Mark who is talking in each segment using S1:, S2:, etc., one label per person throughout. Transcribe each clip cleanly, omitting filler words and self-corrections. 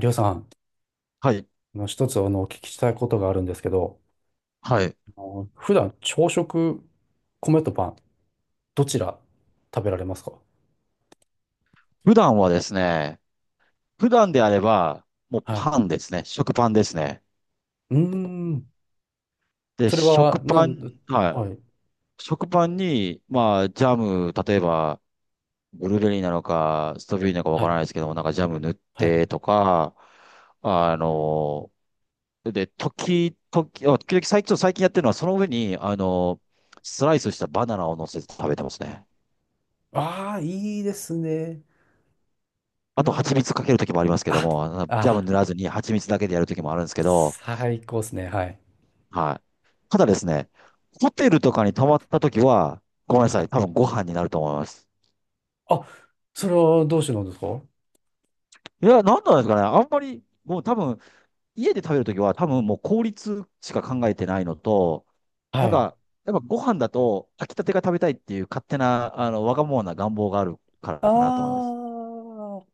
S1: りょうさん、
S2: はい。
S1: あの一つお聞きしたいことがあるんですけど、
S2: はい。
S1: あの普段朝食、米とパン、どちら食べられますか？
S2: 普段はですね、普段であれば、もう
S1: はい。
S2: パンですね。食パンですね。
S1: うーん、
S2: で、
S1: それは、
S2: 食パン、は
S1: はい、
S2: い。食パンに、まあ、ジャム、例えば、ブルーベリーなのか、ストロベリーなのかわ
S1: は
S2: から
S1: い、
S2: ないですけども、なんかジャム塗っ
S1: はい。
S2: てとか、あの、で、時々最近、最近やってるのは、その上に、スライスしたバナナを乗せて食べてますね。
S1: ああ、いいですね。う
S2: あと、蜂
S1: わ
S2: 蜜かけるときもありますけど
S1: あ、
S2: も、あのジャム
S1: あ、
S2: 塗らずに蜂蜜だけでやるときもあるんですけど、
S1: 最高ですね。はい、
S2: はい。ただですね、ホテルとかに泊まったときは、ごめんな
S1: は
S2: さ
S1: い。
S2: い、多分ご飯になると思います。
S1: あ、それはどうしてなんですか？
S2: いや、なんなんですかね、あんまり、もう多分、家で食べるときは、多分もう効率しか考えてないのと、な
S1: は
S2: ん
S1: い。
S2: か、やっぱご飯だと、炊きたてが食べたいっていう勝手な、わがままな願望があるからかなと思いま
S1: あ
S2: す。
S1: あ、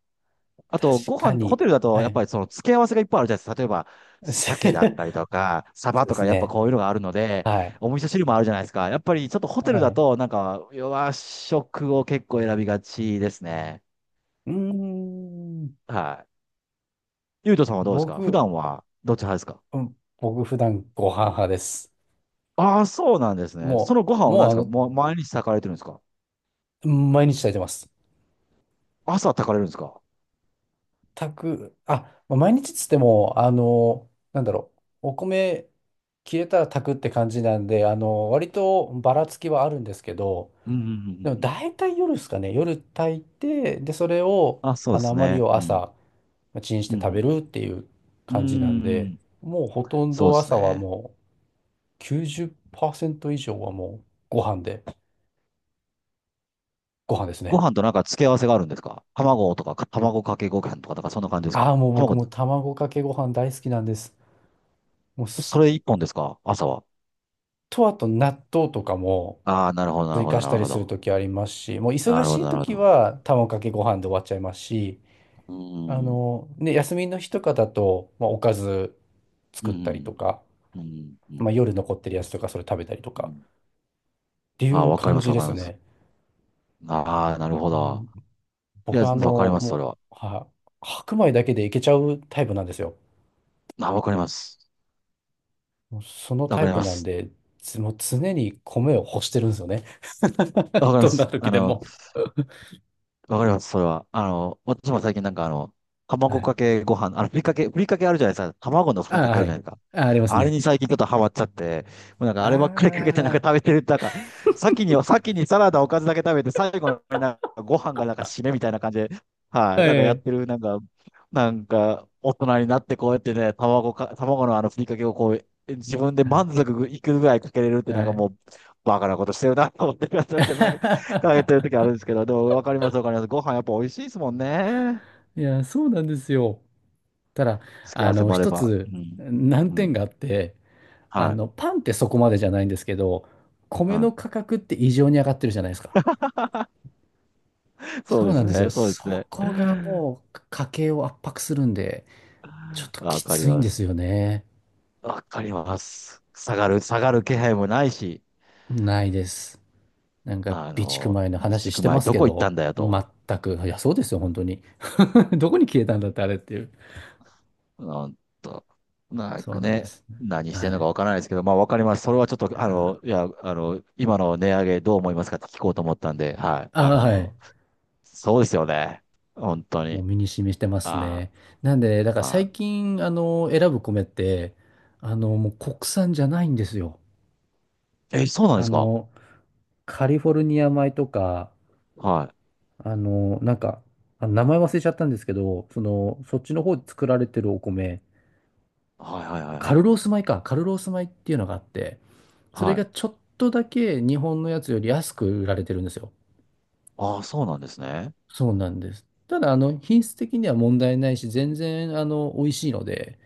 S2: あ
S1: 確
S2: と、ご
S1: か
S2: 飯、ホ
S1: に。
S2: テルだと、
S1: は
S2: やっぱ
S1: い。
S2: りその付け合わせがいっぱいあるじゃないですか。例えば、鮭だったりと
S1: そ
S2: か、サバ
S1: うで
S2: と
S1: す
S2: か、やっぱ
S1: ね。
S2: こういうのがあるので、
S1: はい。
S2: お味噌汁もあるじゃないですか。やっぱりちょっとホテ
S1: は
S2: ルだ
S1: い。
S2: と、なんか、和食を結構選びがちですね。
S1: うーん、
S2: はい。ゆうとさんはどうですか、普
S1: 僕、
S2: 段は、どっち派ですか？
S1: うん、僕普段ご飯派です。
S2: ああー、そうなんですね。そ
S1: も
S2: のご
S1: う、
S2: 飯を
S1: も
S2: 何
S1: う
S2: で
S1: あ
S2: すか、
S1: の、
S2: もう毎日炊かれてるんですか？
S1: 毎日炊いてます。
S2: 朝炊かれるんですか？
S1: 炊く、あ、まあ毎日っつっても、あの、なんだろう、お米切れたら炊くって感じなんで、あの、割とばらつきはあるんですけど、
S2: うんうんう
S1: で
S2: ん
S1: も
S2: うん。
S1: 大体夜ですかね、夜炊いて、で、それを、
S2: あ、そ
S1: あ
S2: うで
S1: の、
S2: す
S1: 余り
S2: ね。
S1: を
S2: う
S1: 朝、
S2: ん。
S1: まあチンし
S2: う
S1: て食べ
S2: ん
S1: るっていう
S2: うん。う
S1: 感じなんで、
S2: ーん。
S1: もうほとん
S2: そうで
S1: ど
S2: す
S1: 朝は
S2: ね。
S1: もう90%以上はもうご飯で、ご飯です
S2: ご
S1: ね。
S2: 飯となんか付け合わせがあるんですか？卵とか、卵かけご飯とか、だからそんな感じです
S1: あ
S2: か？
S1: あ、もう僕
S2: 卵、
S1: も卵かけご飯大好きなんです。もう
S2: そ
S1: す、
S2: れ一本ですか、朝は。
S1: と、あと納豆とかも
S2: ああ、なるほど、なる
S1: 追
S2: ほど、
S1: 加し
S2: な
S1: た
S2: る
S1: り
S2: ほ
S1: する
S2: ど。
S1: ときありますし、もう忙
S2: なる
S1: し
S2: ほど、
S1: い
S2: なる
S1: と
S2: ほ
S1: き
S2: ど。
S1: は卵かけご飯で終わっちゃいますし、
S2: うー
S1: あ
S2: ん、
S1: の、ね、休みの日とかだと、まあ、おかず
S2: う
S1: 作ったりと
S2: ん、
S1: か、
S2: うん、う
S1: ま
S2: ん、
S1: あ、夜残ってるやつとかそれ食べたりと
S2: う
S1: か
S2: ん。
S1: って
S2: あ
S1: い
S2: あ、
S1: う
S2: わかり
S1: 感
S2: ます、
S1: じ
S2: わ
S1: で
S2: かり
S1: す
S2: ます。
S1: ね。
S2: ああ、なるほ
S1: う
S2: ど。
S1: ん、
S2: い
S1: 僕
S2: や、
S1: はあの、
S2: わかります、そ
S1: も
S2: れは。
S1: う、は、白米だけでいけちゃうタイプなんですよ。
S2: ああ、わかります。
S1: もうその
S2: わ
S1: タ
S2: か
S1: イ
S2: り
S1: プ
S2: ま
S1: なん
S2: す。
S1: で、もう常に米を干してるんですよね。
S2: わか りま
S1: どんな
S2: す。
S1: 時でも。
S2: わかります、それは。あの、私も最近なんかあの、
S1: は
S2: 卵
S1: い。
S2: かけご飯、あの、ふりかけあるじゃないですか。卵のふ
S1: あ
S2: り
S1: あ、
S2: かけあ
S1: は
S2: るじゃ
S1: い。
S2: ないですか。
S1: ああ、あります
S2: あれ
S1: ね。
S2: に最近ちょっとハマっちゃって、もうなんか
S1: あ
S2: あればっかりかけてなんか食べ
S1: あ、
S2: てる、なんか、先にサラダおかずだけ食べて、最後になんかご飯がなんか締めみたいな感じで、はい、なんか
S1: は
S2: やっ
S1: い。
S2: てる、なんか、なんか、大人になってこうやってね、卵のあのふりかけをこう、自分で
S1: はい。
S2: 満足いくぐらいかけれるってなん
S1: は
S2: か
S1: い。
S2: もう、バカなことしてるなと思ってるんで けど、かけてる時あるんですけど、でもわかりますわかります。ご飯やっぱ美味しいですもんね。
S1: いや、そうなんですよ。ただ、
S2: 付き合
S1: あ
S2: わせ
S1: の、
S2: もあれ
S1: 一
S2: ば。
S1: つ
S2: うん。
S1: 難
S2: うん。
S1: 点があって、あ
S2: はい。
S1: の、パンってそこまでじゃないんですけど、米
S2: は
S1: の価格って異常に上がってるじゃないですか。
S2: い。そう
S1: そう
S2: で
S1: な
S2: す
S1: んですよ。
S2: ね。そうで
S1: そ
S2: すね。
S1: こがもう家計を圧迫するんで、ちょっとき
S2: わかり
S1: ついん
S2: ま
S1: で
S2: す。
S1: すよね。
S2: わかります。下がる気配もないし、
S1: ないです。なんか、
S2: あ
S1: 備蓄
S2: の、
S1: 米の話
S2: 一
S1: し
S2: 区
S1: てま
S2: 前
S1: す
S2: ど
S1: け
S2: こ行った
S1: ど、
S2: んだよと。
S1: 全く。いや、そうですよ、本当に。どこに消えたんだって、あれっていう。
S2: なんと、なん
S1: そう
S2: か
S1: なんで
S2: ね、
S1: すね。
S2: 何して
S1: は
S2: んのか
S1: い。
S2: わからないですけど、まあわかります。それはちょっと、あ
S1: あ
S2: の、いや、あの、今の値上げどう思いますかって聞こうと思ったんで、はい。
S1: あ、
S2: あ
S1: はい。
S2: の、そうですよね。本当
S1: もう
S2: に。
S1: 身に染みしてます
S2: あ
S1: ね。
S2: ー、
S1: なんで、だから
S2: は
S1: 最近、あの、選ぶ米って、あの、もう国産じゃないんですよ。
S2: い。え、そうなんで
S1: あ
S2: すか？
S1: の、カリフォルニア米とか、
S2: はい。
S1: あの、なんか、あ、名前忘れちゃったんですけど、その、そっちの方で作られてるお米、
S2: はいはいはい
S1: カ
S2: は
S1: ル
S2: い。
S1: ロース米か、カルロース米っていうのがあって、それ
S2: は
S1: が
S2: い。
S1: ちょっとだけ日本のやつより安く売られてるんですよ。
S2: ああ、そうなんですね。
S1: そうなんです。ただ、あの、品質的には問題ないし、全然、あの、美味しいので、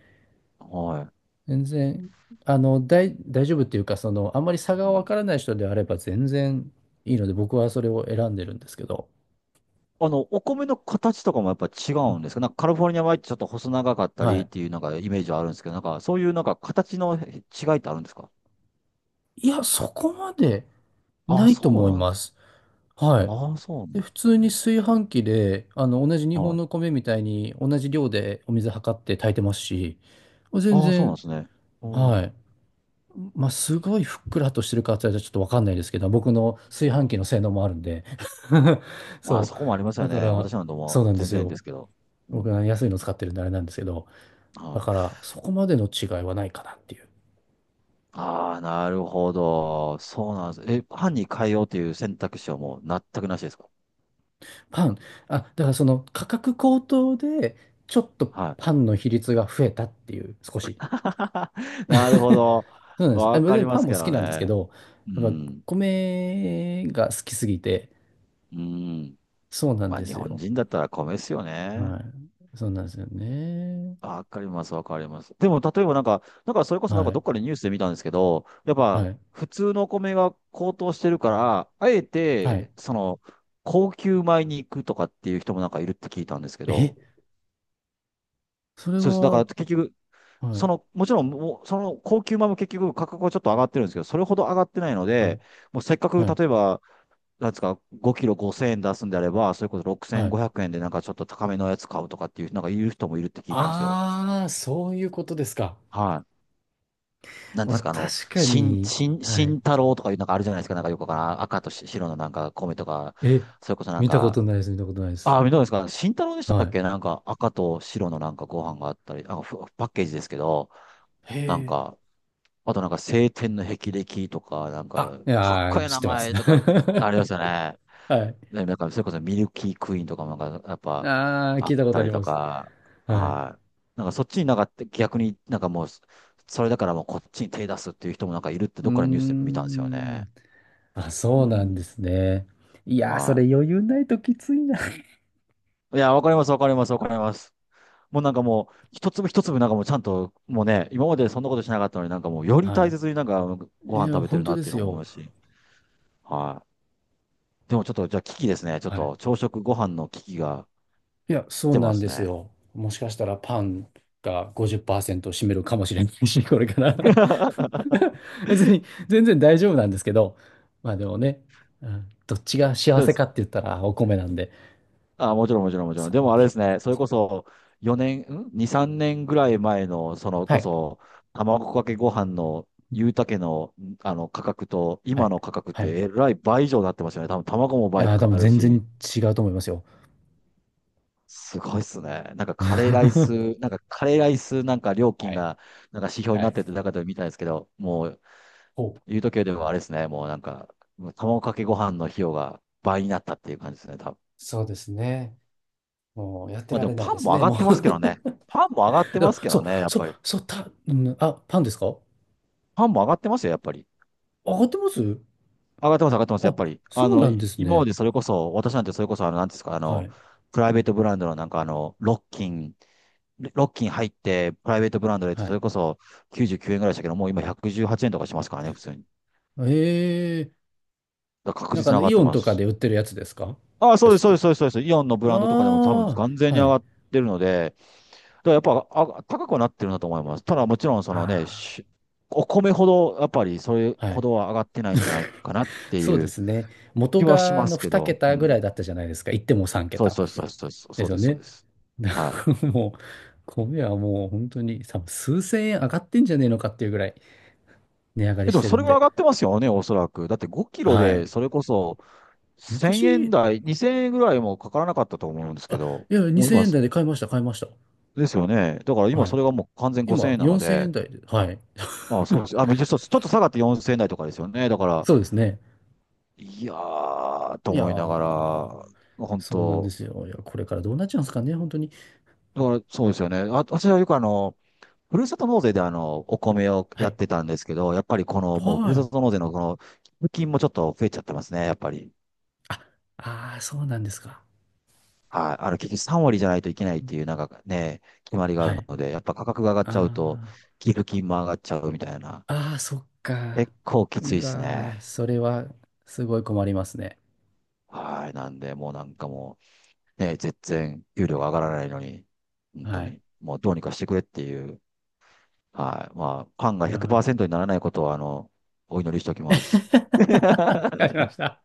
S2: はい。
S1: 全然、あの、大、大丈夫っていうか、その、あんまり
S2: う
S1: 差がわ
S2: ん、
S1: からない人であれば全然いいので、僕はそれを選んでるんですけど。
S2: あの、お米の形とかもやっぱ違
S1: う
S2: う
S1: ん、
S2: んですか？なんかカリフォルニア米ってちょっと細長かった
S1: は
S2: りっ
S1: い。
S2: ていうなんかイメージはあるんですけど、なんかそういうなんか形の違いってあるんですか？
S1: いや、そこまで
S2: ああ、
S1: ないと
S2: そう
S1: 思い
S2: なんで
S1: ま
S2: す。
S1: す。はい。
S2: ああ、そうなん
S1: で、
S2: で
S1: 普
S2: す
S1: 通に
S2: ね。
S1: 炊飯器で、あの、同じ日
S2: は
S1: 本
S2: い。
S1: の米みたいに同じ量でお水測って炊いてますし、全
S2: ああ、そうなん
S1: 然、
S2: ですね。うん。う
S1: はい。まあ、すごいふっくらとしてるかって言われたらちょっとわかんないですけど、僕の炊飯
S2: ん。
S1: 器の性能もあるんで。
S2: まあ、
S1: そ
S2: そこもありま
S1: う。
S2: す
S1: だ
S2: よ
S1: か
S2: ね。
S1: ら、
S2: 私なんても
S1: そう
S2: う
S1: なんで
S2: 全
S1: す
S2: 然
S1: よ。
S2: ですけど。うん。
S1: 僕は安いの使ってるんであれなんですけど、
S2: は
S1: だか
S2: い。
S1: ら、そこまでの違いはないかなっていう。
S2: ああ、なるほど。そうなんです。え、班に変えようという選択肢はもう全くなしですか？
S1: パン、あ、だからその価格高騰で、ちょっと
S2: はい。
S1: パンの比率が増えたっていう、少し。
S2: なるほど。
S1: そうなんです。あ、
S2: わか
S1: 別
S2: り
S1: に
S2: ま
S1: パン
S2: す
S1: も
S2: け
S1: 好き
S2: ど
S1: なんですけ
S2: ね。
S1: ど、
S2: う
S1: やっぱ
S2: ん。
S1: 米が好きすぎて、
S2: うん。
S1: そうなん
S2: まあ、
S1: で
S2: 日
S1: す
S2: 本
S1: よ。
S2: 人だったら米ですよね。
S1: はい。そうなんですよね。
S2: わかります、わかります。でも、例えばなんか、なんかそれこそなんか
S1: は
S2: ど
S1: い。
S2: っかでニュースで見たんですけど、やっ
S1: は
S2: ぱ
S1: い。
S2: 普通のお米が高騰してるから、あえ
S1: はい。
S2: て、その、高級米に行くとかっていう人もなんかいるって聞いたんですけ
S1: え、
S2: ど、
S1: それ
S2: そうです。だか
S1: は、
S2: ら結局、
S1: は
S2: そ
S1: い。
S2: の、もちろん、もうその高級米も結局価格はちょっと上がってるんですけど、それほど上がってないの
S1: はい。
S2: で、もうせっかく
S1: はい。
S2: 例えば、なんですか、5キロ5000円出すんであれば、それこそ
S1: はい。
S2: 6500円でなんかちょっと高めのやつ買うとかっていう、なんか言う人もいるって聞いたんですよ。
S1: ああ、そういうことですか。
S2: はい。なんで
S1: まあ、
S2: すか、あの、
S1: 確かに、はい。
S2: 新太郎とかいうなんかあるじゃないですか、なんかよくわからん、赤とし白のなんか米とか、
S1: え、
S2: それこそなん
S1: 見たこ
S2: か、
S1: とないです。見たことないです。
S2: ああ、どうですか、新太郎でした
S1: は
S2: っ
S1: い。
S2: け、なんか赤と白のなんかご飯があったり、あ、ふパッケージですけど、
S1: へ
S2: なん
S1: え。
S2: か、あとなんか青天の霹靂とか、なん
S1: あ、
S2: か、
S1: い
S2: かっ
S1: や
S2: こ
S1: ー、
S2: いい
S1: 知っ
S2: 名
S1: てます。
S2: 前とか、
S1: は
S2: ありましたね。
S1: い。
S2: で、なんか、それこそミルキークイーンとかもなんか、やっぱ、
S1: ああ、
S2: あ
S1: 聞
S2: っ
S1: いたこと
S2: た
S1: あ
S2: り
S1: り
S2: と
S1: ます。
S2: か、
S1: はい。
S2: はい。なんかそっちになんか逆になんかもう、それだからもうこっちに手出すっていう人もなんかいるって
S1: う
S2: ど
S1: ー
S2: っからニュースで見たんですよね。
S1: ん。あ、
S2: う
S1: そうなんで
S2: ん。
S1: すね。いやー、そ
S2: は
S1: れ余裕ないときついな。
S2: い。いや、わかります、わかります、わかります。もうなんかもう、一粒一粒なんかもうちゃんと、もうね、今までそんなことしなかったのになんかもう、より大
S1: は
S2: 切になんかご
S1: い。い
S2: 飯
S1: や、
S2: 食べて
S1: 本
S2: る
S1: 当
S2: なっ
S1: で
S2: ていう
S1: す
S2: のを思い
S1: よ。
S2: ますし。はい。でもちょっと、じゃあ危機ですね。ちょっ
S1: はい。
S2: と朝食ご飯の危機が
S1: いや、そ
S2: 来
S1: う
S2: て
S1: な
S2: ま
S1: ん
S2: す
S1: です
S2: ね。
S1: よ。もしかしたらパンが50%を占めるかもしれないし、これから 別に、全然大丈夫なんですけど、まあでもね、うん、どっちが幸
S2: そうで
S1: せ
S2: す。
S1: かって言ったらお米なんで、
S2: あ、もちろんもちろん
S1: あ
S2: もちろん。
S1: そ
S2: で
S1: こ
S2: も
S1: は
S2: あれで
S1: ね。
S2: すね、それこそ4年、ん ?2、3年ぐらい前の、その
S1: は
S2: こ
S1: い。
S2: そ、卵かけご飯のゆうたけの、あの価格と、
S1: は
S2: 今
S1: い。
S2: の価格っ
S1: はい。
S2: てえらい倍以上になってますよね。多分卵も
S1: い
S2: 倍
S1: や
S2: か
S1: ー、多分
S2: かる
S1: 全然
S2: し、
S1: 違うと思いますよ。
S2: すごいっすね。なんか カレーライ
S1: は
S2: ス、なんかカレーライスなんか料金
S1: い。
S2: が、なんか指標に
S1: は
S2: なっ
S1: い。
S2: てて中で見たんですけど、もう
S1: ほう。
S2: 言うとでもあれですね、もうなんか、もう卵かけご飯の費用が倍になったっていう感じですね、多分。
S1: そうですね。もうやって
S2: まあで
S1: ら
S2: も
S1: れない
S2: パ
S1: で
S2: ン
S1: す
S2: も上
S1: ね、
S2: がっ
S1: も
S2: てますけど
S1: う。
S2: ね。パンも上がっ てます
S1: あ、
S2: け
S1: そ
S2: ど
S1: う、
S2: ね、やっ
S1: そう、
S2: ぱり。
S1: そう、た、うん、あ、パンですか？あ、
S2: パンも上がってますよ、やっぱり。
S1: 上がってます？
S2: 上がってます、上がってます、やっ
S1: あ、
S2: ぱり。あ
S1: そう
S2: の、
S1: なん
S2: い
S1: です
S2: 今ま
S1: ね。
S2: でそれこそ、私なんてそれこそ、あの、なんていうんですか、あ
S1: は
S2: の、
S1: い。
S2: プライベートブランドのなんかあの、ロッキン入って、プライベートブランドで
S1: は
S2: そ
S1: い。
S2: れこそ99円ぐらいでしたけど、もう今118円とかしますからね、普通に。
S1: ええ。
S2: だから確
S1: なんか
S2: 実
S1: あ
S2: に上
S1: の、
S2: がっ
S1: イ
S2: て
S1: オン
S2: ま
S1: とか
S2: す。
S1: で売ってるやつですか？
S2: ああ、そうで
S1: 安
S2: す、そうで
S1: く。
S2: す、そうです、そうです。イオンのブランドとかでも多分
S1: あ
S2: 完全
S1: あ、
S2: に
S1: は
S2: 上
S1: い。
S2: がってるので、だらやっぱあ高くはなってるんだと思います。ただもちろんそのね、
S1: あ
S2: しお米ほどやっぱりそれ
S1: あ、は
S2: ほ
S1: い。
S2: どは上がってないんじゃな いかなって
S1: そう
S2: い
S1: で
S2: う
S1: すね。元
S2: 気はし
S1: があ
S2: ま
S1: の
S2: すけ
S1: 2
S2: ど、う
S1: 桁ぐら
S2: ん。
S1: いだったじゃないですか。言っても3
S2: そう
S1: 桁。
S2: そうそうそうそうです
S1: で
S2: そ
S1: す
S2: う
S1: よ
S2: です、そう
S1: ね。
S2: です。
S1: だか
S2: はい。
S1: らもう、米はもう本当に多分数千円上がってんじゃねえのかっていうぐらい。値上がり
S2: え、で
S1: し
S2: も
S1: て
S2: そ
S1: る
S2: れ
S1: ん
S2: ぐらい
S1: で。
S2: 上がってますよね、おそらく。だって5キロ
S1: は
S2: で
S1: い。
S2: それこそ1000円
S1: 昔、
S2: 台、2000円ぐらいもかからなかったと思うんですけ
S1: あ、
S2: ど、
S1: いや、
S2: もう
S1: 2000
S2: 今、
S1: 円台で買いました、買いました。
S2: ですよね。だから今
S1: は
S2: そ
S1: い。
S2: れがもう完全5000
S1: 今、
S2: 円なの
S1: 4000
S2: で、
S1: 円台で、はい。
S2: まあ、そうです。あ、ちょっとちょっと下がって4000円台とかですよね。だから、
S1: そうですね。
S2: いやー、と
S1: いや
S2: 思いなが
S1: ー、
S2: ら、本
S1: そうなんで
S2: 当、
S1: すよ。いや、これからどうなっちゃうんですかね、本当に。
S2: だからそうですよね。あ、私はよくあの、ふるさと納税であの、お米を
S1: は
S2: やっ
S1: い。
S2: てたんですけど、やっぱりこの、もうふ
S1: は
S2: るさ
S1: い。
S2: と納税のこの、寄付金もちょっと増えちゃってますね、やっぱり。
S1: あ、あー、そうなんですか。
S2: はい。あの、結局3割じゃないといけないっていう、なんかね、決まりがあ
S1: は
S2: る
S1: い。
S2: ので、やっぱ価格が上がっちゃうと、
S1: あ
S2: 寄付金も上がっちゃうみたいな。
S1: ー、あー、そっか。
S2: 結構きつい
S1: う
S2: です
S1: わー、
S2: ね。
S1: それは、すごい困りますね。
S2: はい。なんで、もうなんかもう、ね、全然、給料が上がらないのに、本当
S1: はい。
S2: に、もうどうにかしてくれっていう、はい。まあ、パンが
S1: いやー。
S2: 100%にならないことは、あの、お祈りしておき ます。
S1: わ かりました。